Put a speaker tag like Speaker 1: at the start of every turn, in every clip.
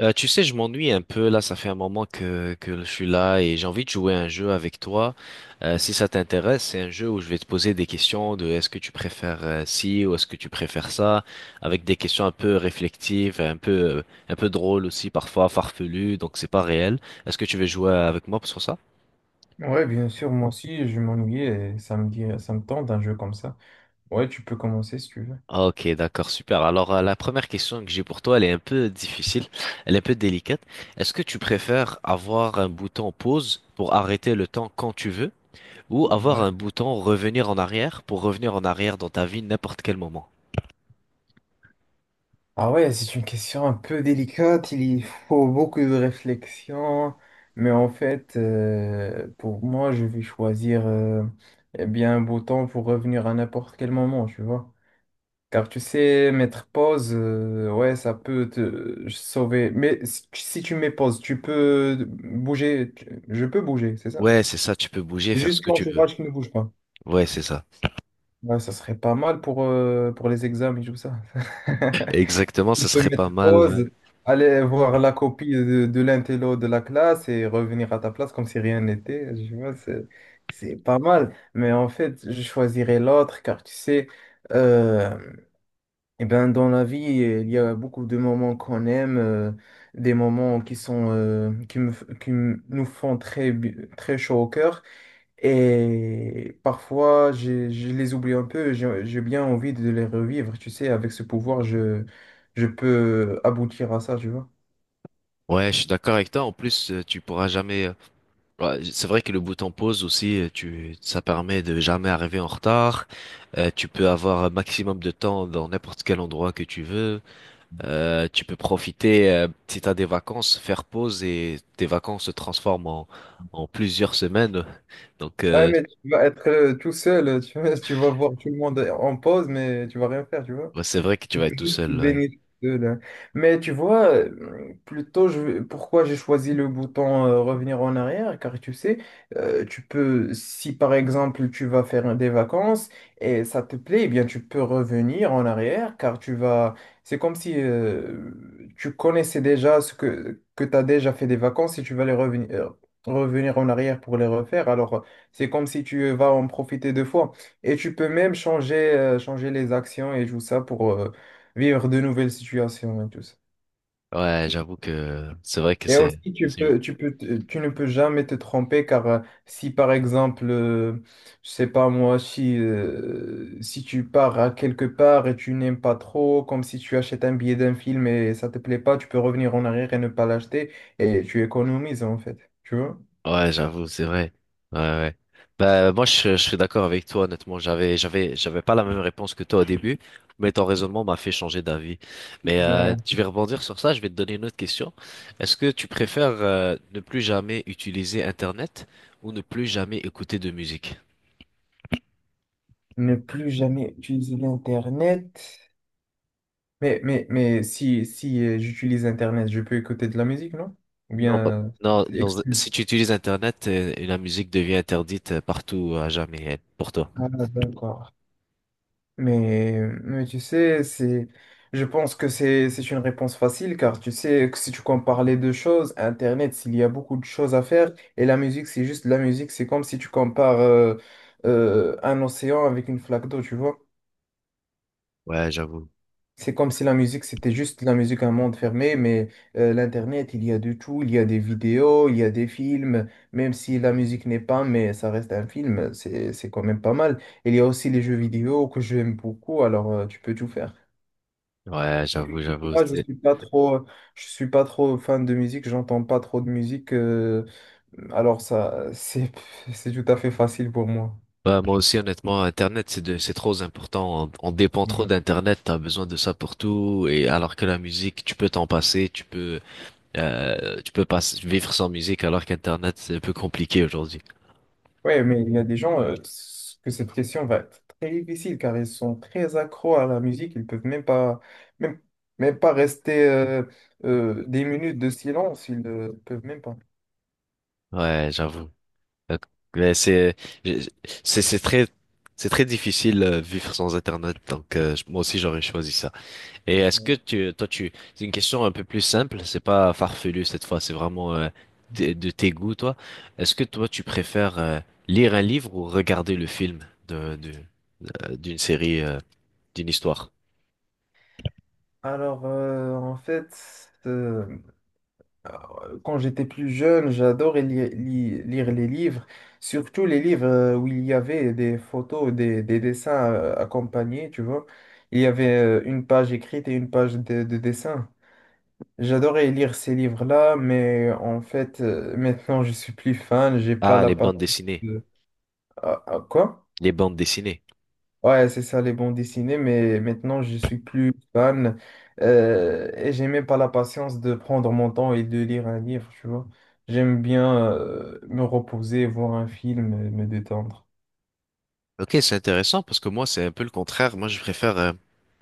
Speaker 1: Tu sais, je m'ennuie un peu là, ça fait un moment que je suis là et j'ai envie de jouer à un jeu avec toi. Si ça t'intéresse, c'est un jeu où je vais te poser des questions de est-ce que tu préfères ci ou est-ce que tu préfères ça, avec des questions un peu réflexives, un peu drôles aussi parfois, farfelues, donc c'est pas réel. Est-ce que tu veux jouer avec moi sur ça?
Speaker 2: Ouais, bien sûr, moi aussi, je m'ennuyais et ça me tente un jeu comme ça. Ouais, tu peux commencer si tu veux.
Speaker 1: Ok, d'accord, super. Alors la première question que j'ai pour toi, elle est un peu difficile, elle est un peu délicate. Est-ce que tu préfères avoir un bouton pause pour arrêter le temps quand tu veux? Ou avoir
Speaker 2: Ouais.
Speaker 1: un bouton revenir en arrière pour revenir en arrière dans ta vie n'importe quel moment.
Speaker 2: Ah ouais, c'est une question un peu délicate, il y faut beaucoup de réflexion, mais en fait, pour moi, je vais choisir eh bien un bouton pour revenir à n'importe quel moment, tu vois. Car tu sais, mettre pause, ouais, ça peut te sauver. Mais si tu mets pause, tu peux bouger, je peux bouger, c'est ça.
Speaker 1: Ouais, c'est ça, tu peux bouger, faire ce
Speaker 2: Juste
Speaker 1: que tu veux.
Speaker 2: l'entourage qui ne bouge pas.
Speaker 1: Ouais, c'est ça.
Speaker 2: Ouais, ça serait pas mal pour les examens et tout ça.
Speaker 1: Exactement,
Speaker 2: Tu
Speaker 1: ça
Speaker 2: peux
Speaker 1: serait
Speaker 2: mettre
Speaker 1: pas mal. Ouais.
Speaker 2: pause, aller voir la copie de l'intello de la classe et revenir à ta place comme si rien n'était. Je vois, c'est pas mal. Mais en fait, je choisirais l'autre car tu sais, euh, eh ben, dans la vie, il y a beaucoup de moments qu'on aime, des moments qui sont, qui me, f- qui me- nous font très, très chaud au cœur. Et parfois, je les oublie un peu, j'ai bien envie de les revivre, tu sais, avec ce pouvoir, je peux aboutir à ça, tu vois.
Speaker 1: Ouais, je suis d'accord avec toi. En plus, tu pourras jamais. Ouais, c'est vrai que le bouton pause aussi, ça permet de jamais arriver en retard. Tu peux avoir un maximum de temps dans n'importe quel endroit que tu veux. Tu peux profiter, si t'as des vacances, faire pause et tes vacances se transforment en plusieurs semaines. Donc,
Speaker 2: Ouais,
Speaker 1: euh,
Speaker 2: mais tu vas être tout seul, tu vois, tu vas voir tout le monde en pause, mais tu vas rien faire, tu vois.
Speaker 1: Ouais, c'est vrai que tu vas être tout
Speaker 2: Juste
Speaker 1: seul, ouais.
Speaker 2: béni de là. Mais tu vois, plutôt je, pourquoi j'ai choisi le bouton revenir en arrière, car tu sais, tu peux, si par exemple tu vas faire des vacances et ça te plaît, eh bien tu peux revenir en arrière, car tu vas, c'est comme si tu connaissais déjà ce que tu as déjà fait des vacances et tu vas les revenir, revenir en arrière pour les refaire. Alors c'est comme si tu vas en profiter deux fois. Et tu peux même changer les actions et tout ça pour... vivre de nouvelles situations et tout ça.
Speaker 1: Ouais, j'avoue que c'est vrai que
Speaker 2: Et aussi,
Speaker 1: c'est-
Speaker 2: tu ne peux jamais te tromper car si par exemple, je sais pas moi, si, si tu pars à quelque part et tu n'aimes pas trop, comme si tu achètes un billet d'un film et ça te plaît pas, tu peux revenir en arrière et ne pas l'acheter et tu économises en fait, tu vois?
Speaker 1: Ouais, j'avoue, c'est vrai. Ouais, ouais. Bah, moi, je suis d'accord avec toi, honnêtement. J'avais pas la même réponse que toi au début, mais ton raisonnement m'a fait changer d'avis. Mais
Speaker 2: Ouais.
Speaker 1: je vais rebondir sur ça, je vais te donner une autre question. Est-ce que tu préfères ne plus jamais utiliser Internet ou ne plus jamais écouter de musique?
Speaker 2: Ne plus jamais utiliser l'Internet. Mais si j'utilise Internet, je peux écouter de la musique, non? Ou
Speaker 1: Non,
Speaker 2: bien,
Speaker 1: pas-
Speaker 2: euh,
Speaker 1: non,
Speaker 2: c'est exclu.
Speaker 1: si tu utilises Internet, la musique devient interdite partout à jamais pour toi.
Speaker 2: Ah, d'accord. Mais tu sais, c'est, je pense que c'est une réponse facile car tu sais que si tu compares les deux choses, Internet, s'il y a beaucoup de choses à faire et la musique, c'est juste la musique, c'est comme si tu compares un océan avec une flaque d'eau, tu vois.
Speaker 1: Ouais, j'avoue.
Speaker 2: C'est comme si la musique, c'était juste la musique, un monde fermé, mais l'Internet, il y a de tout, il y a des vidéos, il y a des films, même si la musique n'est pas, mais ça reste un film, c'est quand même pas mal. Il y a aussi les jeux vidéo que j'aime beaucoup, alors tu peux tout faire.
Speaker 1: Ouais, j'avoue, j'avoue.
Speaker 2: Moi, je
Speaker 1: c'est-
Speaker 2: suis pas trop, Je suis pas trop fan de musique, j'entends pas trop de musique, alors ça, c'est, c'est tout à fait facile pour moi.
Speaker 1: Bah, moi aussi, honnêtement, Internet, c'est trop important. On dépend trop d'Internet. T'as besoin de ça pour tout. Et alors que la musique, tu peux t'en passer. Tu peux pas vivre sans musique alors qu'Internet, c'est un peu compliqué aujourd'hui.
Speaker 2: Ouais, mais il y a des gens que cette question va être très difficile car ils sont très accros à la musique. Ils peuvent même pas, même, Même pas rester des minutes de silence. Ils ne peuvent même pas.
Speaker 1: Ouais, j'avoue. Euh, Mais c'est j'ai- c'est très c'est très difficile vivre sans Internet donc moi aussi j'aurais choisi ça. Et est-ce que tu toi tu c'est une question un peu plus simple, c'est pas farfelu cette fois, c'est vraiment de tes goûts toi. Est-ce que toi tu préfères lire un livre ou regarder le film de, de- d'une série d'une histoire?
Speaker 2: Alors, en fait, quand j'étais plus jeune, j'adorais lire les livres, surtout les livres où il y avait des photos, des dessins accompagnés, tu vois. Il y avait une page écrite et une page de dessin. J'adorais lire ces livres-là, mais en fait, maintenant, je suis plus fan, j'ai pas
Speaker 1: Ah,
Speaker 2: la
Speaker 1: les bandes
Speaker 2: patience
Speaker 1: dessinées,
Speaker 2: de... Ah, ah, quoi?
Speaker 1: les bandes dessinées.
Speaker 2: Ouais, c'est ça, les bons dessinés, mais maintenant, je suis plus fan et j'ai même pas la patience de prendre mon temps et de lire un livre, tu vois. J'aime bien me reposer, voir un film, et me détendre.
Speaker 1: Ok, c'est intéressant parce que moi, c'est un peu le contraire. Moi,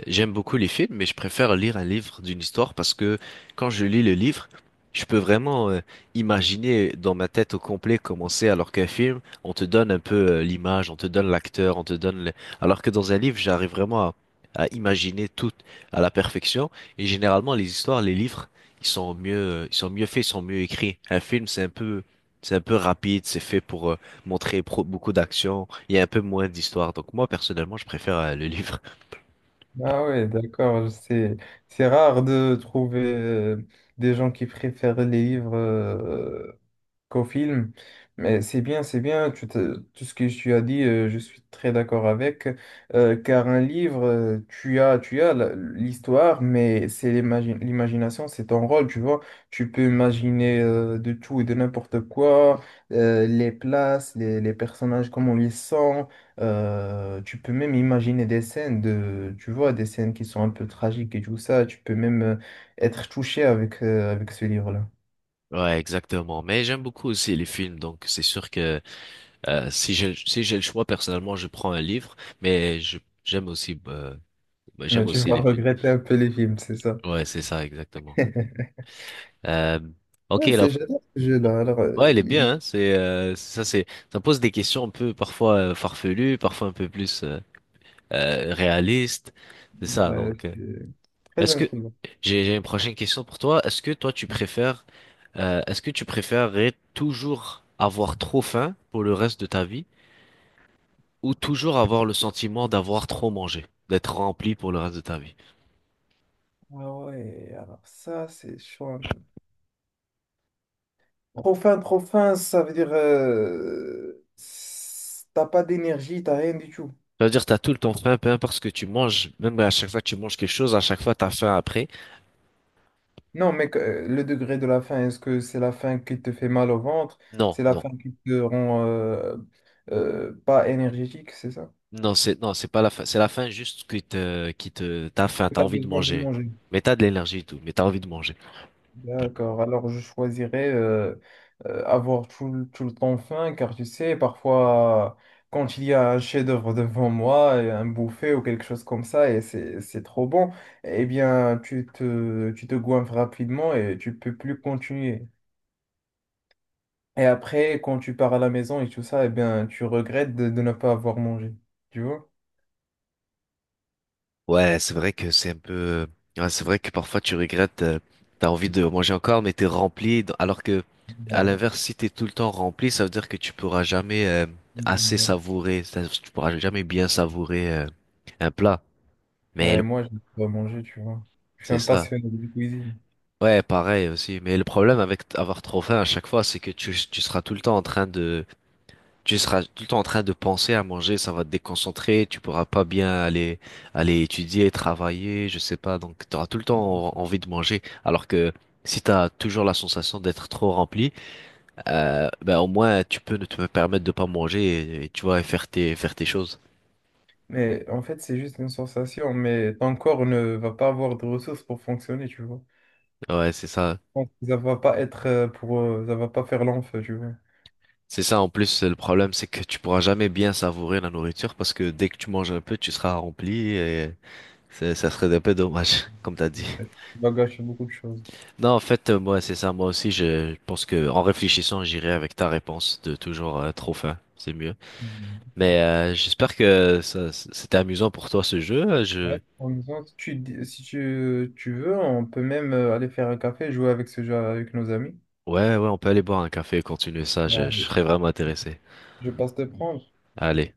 Speaker 1: j'aime beaucoup les films, mais je préfère lire un livre d'une histoire parce que quand je lis le livre, je peux vraiment imaginer dans ma tête au complet comment c'est, alors qu'un film, on te donne un peu, l'image, on te donne l'acteur, on te donne le... Alors que dans un livre, à imaginer tout à la perfection. Et généralement, les histoires, les livres, ils sont ils sont mieux faits, ils sont mieux écrits. Un film, c'est un peu rapide, c'est fait pour montrer beaucoup d'action. Il y a un peu moins d'histoire. Donc moi, personnellement, je préfère le livre.
Speaker 2: Ah ouais, d'accord, c'est rare de trouver des gens qui préfèrent les livres qu'au film. Mais c'est bien, tout ce que tu as dit, je suis très d'accord avec, car un livre, tu as l'histoire, mais c'est l'imagination, c'est ton rôle, tu vois. Tu peux imaginer de tout et de n'importe quoi, les places, les personnages, comment ils sent tu peux même imaginer des scènes de, tu vois, des scènes qui sont un peu tragiques et tout ça. Tu peux même être touché avec, avec ce livre-là.
Speaker 1: Ouais, exactement. Mais j'aime beaucoup aussi les films. Donc c'est sûr que si j'ai le choix, personnellement, je prends un livre. Mais je j'aime aussi euh,
Speaker 2: Mais
Speaker 1: j'aime
Speaker 2: tu
Speaker 1: aussi les
Speaker 2: vas
Speaker 1: films.
Speaker 2: regretter un peu les films, c'est ça.
Speaker 1: Ouais, c'est ça, exactement. Euh, ok,
Speaker 2: Ouais,
Speaker 1: là.
Speaker 2: c'est j'adore ce jeu-là. Alors,
Speaker 1: Ouais, il est bien. Hein. C'est ça, c'est Ça pose des questions un peu parfois farfelues, parfois un peu plus réalistes. C'est ça.
Speaker 2: ouais, c'est très
Speaker 1: Est-ce que
Speaker 2: intriguant.
Speaker 1: j'ai une prochaine question pour toi. Est-ce que toi tu préfères est-ce que tu préférerais toujours avoir trop faim pour le reste de ta vie ou toujours avoir le sentiment d'avoir trop mangé, d'être rempli pour le reste de ta vie?
Speaker 2: Ah ouais, alors ça, c'est chaud un peu. Trop fin, ça veut dire t'as pas d'énergie, t'as rien du tout.
Speaker 1: C'est-à-dire t'as tout le temps faim, peu importe ce que tu manges, même à chaque fois que tu manges quelque chose, à chaque fois t'as faim après.
Speaker 2: Non, le degré de la faim, est-ce que c'est la faim qui te fait mal au ventre?
Speaker 1: Non,
Speaker 2: C'est la
Speaker 1: non.
Speaker 2: faim qui te rend pas énergétique, c'est ça?
Speaker 1: Non, c'est non, c'est pas la faim, c'est la faim juste qui te t'as faim, t'as
Speaker 2: T'as
Speaker 1: envie de
Speaker 2: besoin de
Speaker 1: manger.
Speaker 2: manger.
Speaker 1: Mais t'as de l'énergie et tout, mais t'as envie de manger.
Speaker 2: D'accord, alors je choisirais avoir tout le temps faim, car tu sais, parfois, quand il y a un chef-d'œuvre devant moi, et un buffet ou quelque chose comme ça, et c'est trop bon, eh bien, tu te goinfres rapidement et tu peux plus continuer. Et après, quand tu pars à la maison et tout ça, eh bien, tu regrettes de ne pas avoir mangé, tu vois?
Speaker 1: Ouais, c'est vrai que ouais, c'est vrai que parfois tu regrettes, t'as envie de manger encore, mais t'es rempli, alors que, à
Speaker 2: Ouais.
Speaker 1: l'inverse, si t'es tout le temps rempli, ça veut dire que tu pourras jamais assez savourer, c'est-à-dire que tu pourras jamais bien savourer, un plat. Mais
Speaker 2: Ouais,
Speaker 1: le-
Speaker 2: moi, je pas manger, tu vois. Je suis
Speaker 1: c'est
Speaker 2: un
Speaker 1: ça.
Speaker 2: passionné de cuisine.
Speaker 1: Ouais, pareil aussi. Mais le problème avec avoir trop faim à chaque fois, c'est que tu seras tout le temps en train de, tu seras tout le temps en train de penser à manger, ça va te déconcentrer, tu pourras pas bien aller, aller étudier, travailler, je sais pas. Donc, tu auras tout le temps envie de manger. Alors que si tu as toujours la sensation d'être trop rempli, ben, au moins, tu peux ne te permettre de pas manger et tu vois, et faire faire tes choses.
Speaker 2: Mais en fait, c'est juste une sensation, mais ton corps ne va pas avoir de ressources pour fonctionner, tu vois.
Speaker 1: Ouais, c'est ça.
Speaker 2: Donc, ça va pas être ça va pas faire l'enfeu, tu vois.
Speaker 1: C'est ça, en plus, le problème, c'est que tu pourras jamais bien savourer la nourriture parce que dès que tu manges un peu, tu seras rempli. Ça serait un peu dommage, comme t'as dit.
Speaker 2: Tu vas gâcher beaucoup de choses.
Speaker 1: Non, en fait, moi, c'est ça. Moi aussi, je pense que en réfléchissant, j'irai avec ta réponse de toujours trop fin. C'est mieux.
Speaker 2: Mhm.
Speaker 1: Mais j'espère que ça, c'était amusant pour toi ce jeu.
Speaker 2: Ouais, en même temps, si tu, si tu, tu veux, on peut même aller faire un café, jouer avec ce jeu avec nos amis.
Speaker 1: Ouais, ouais, on peut aller boire un café et continuer ça. Je
Speaker 2: Ouais.
Speaker 1: serais vraiment intéressé.
Speaker 2: Je passe te prendre.
Speaker 1: Allez.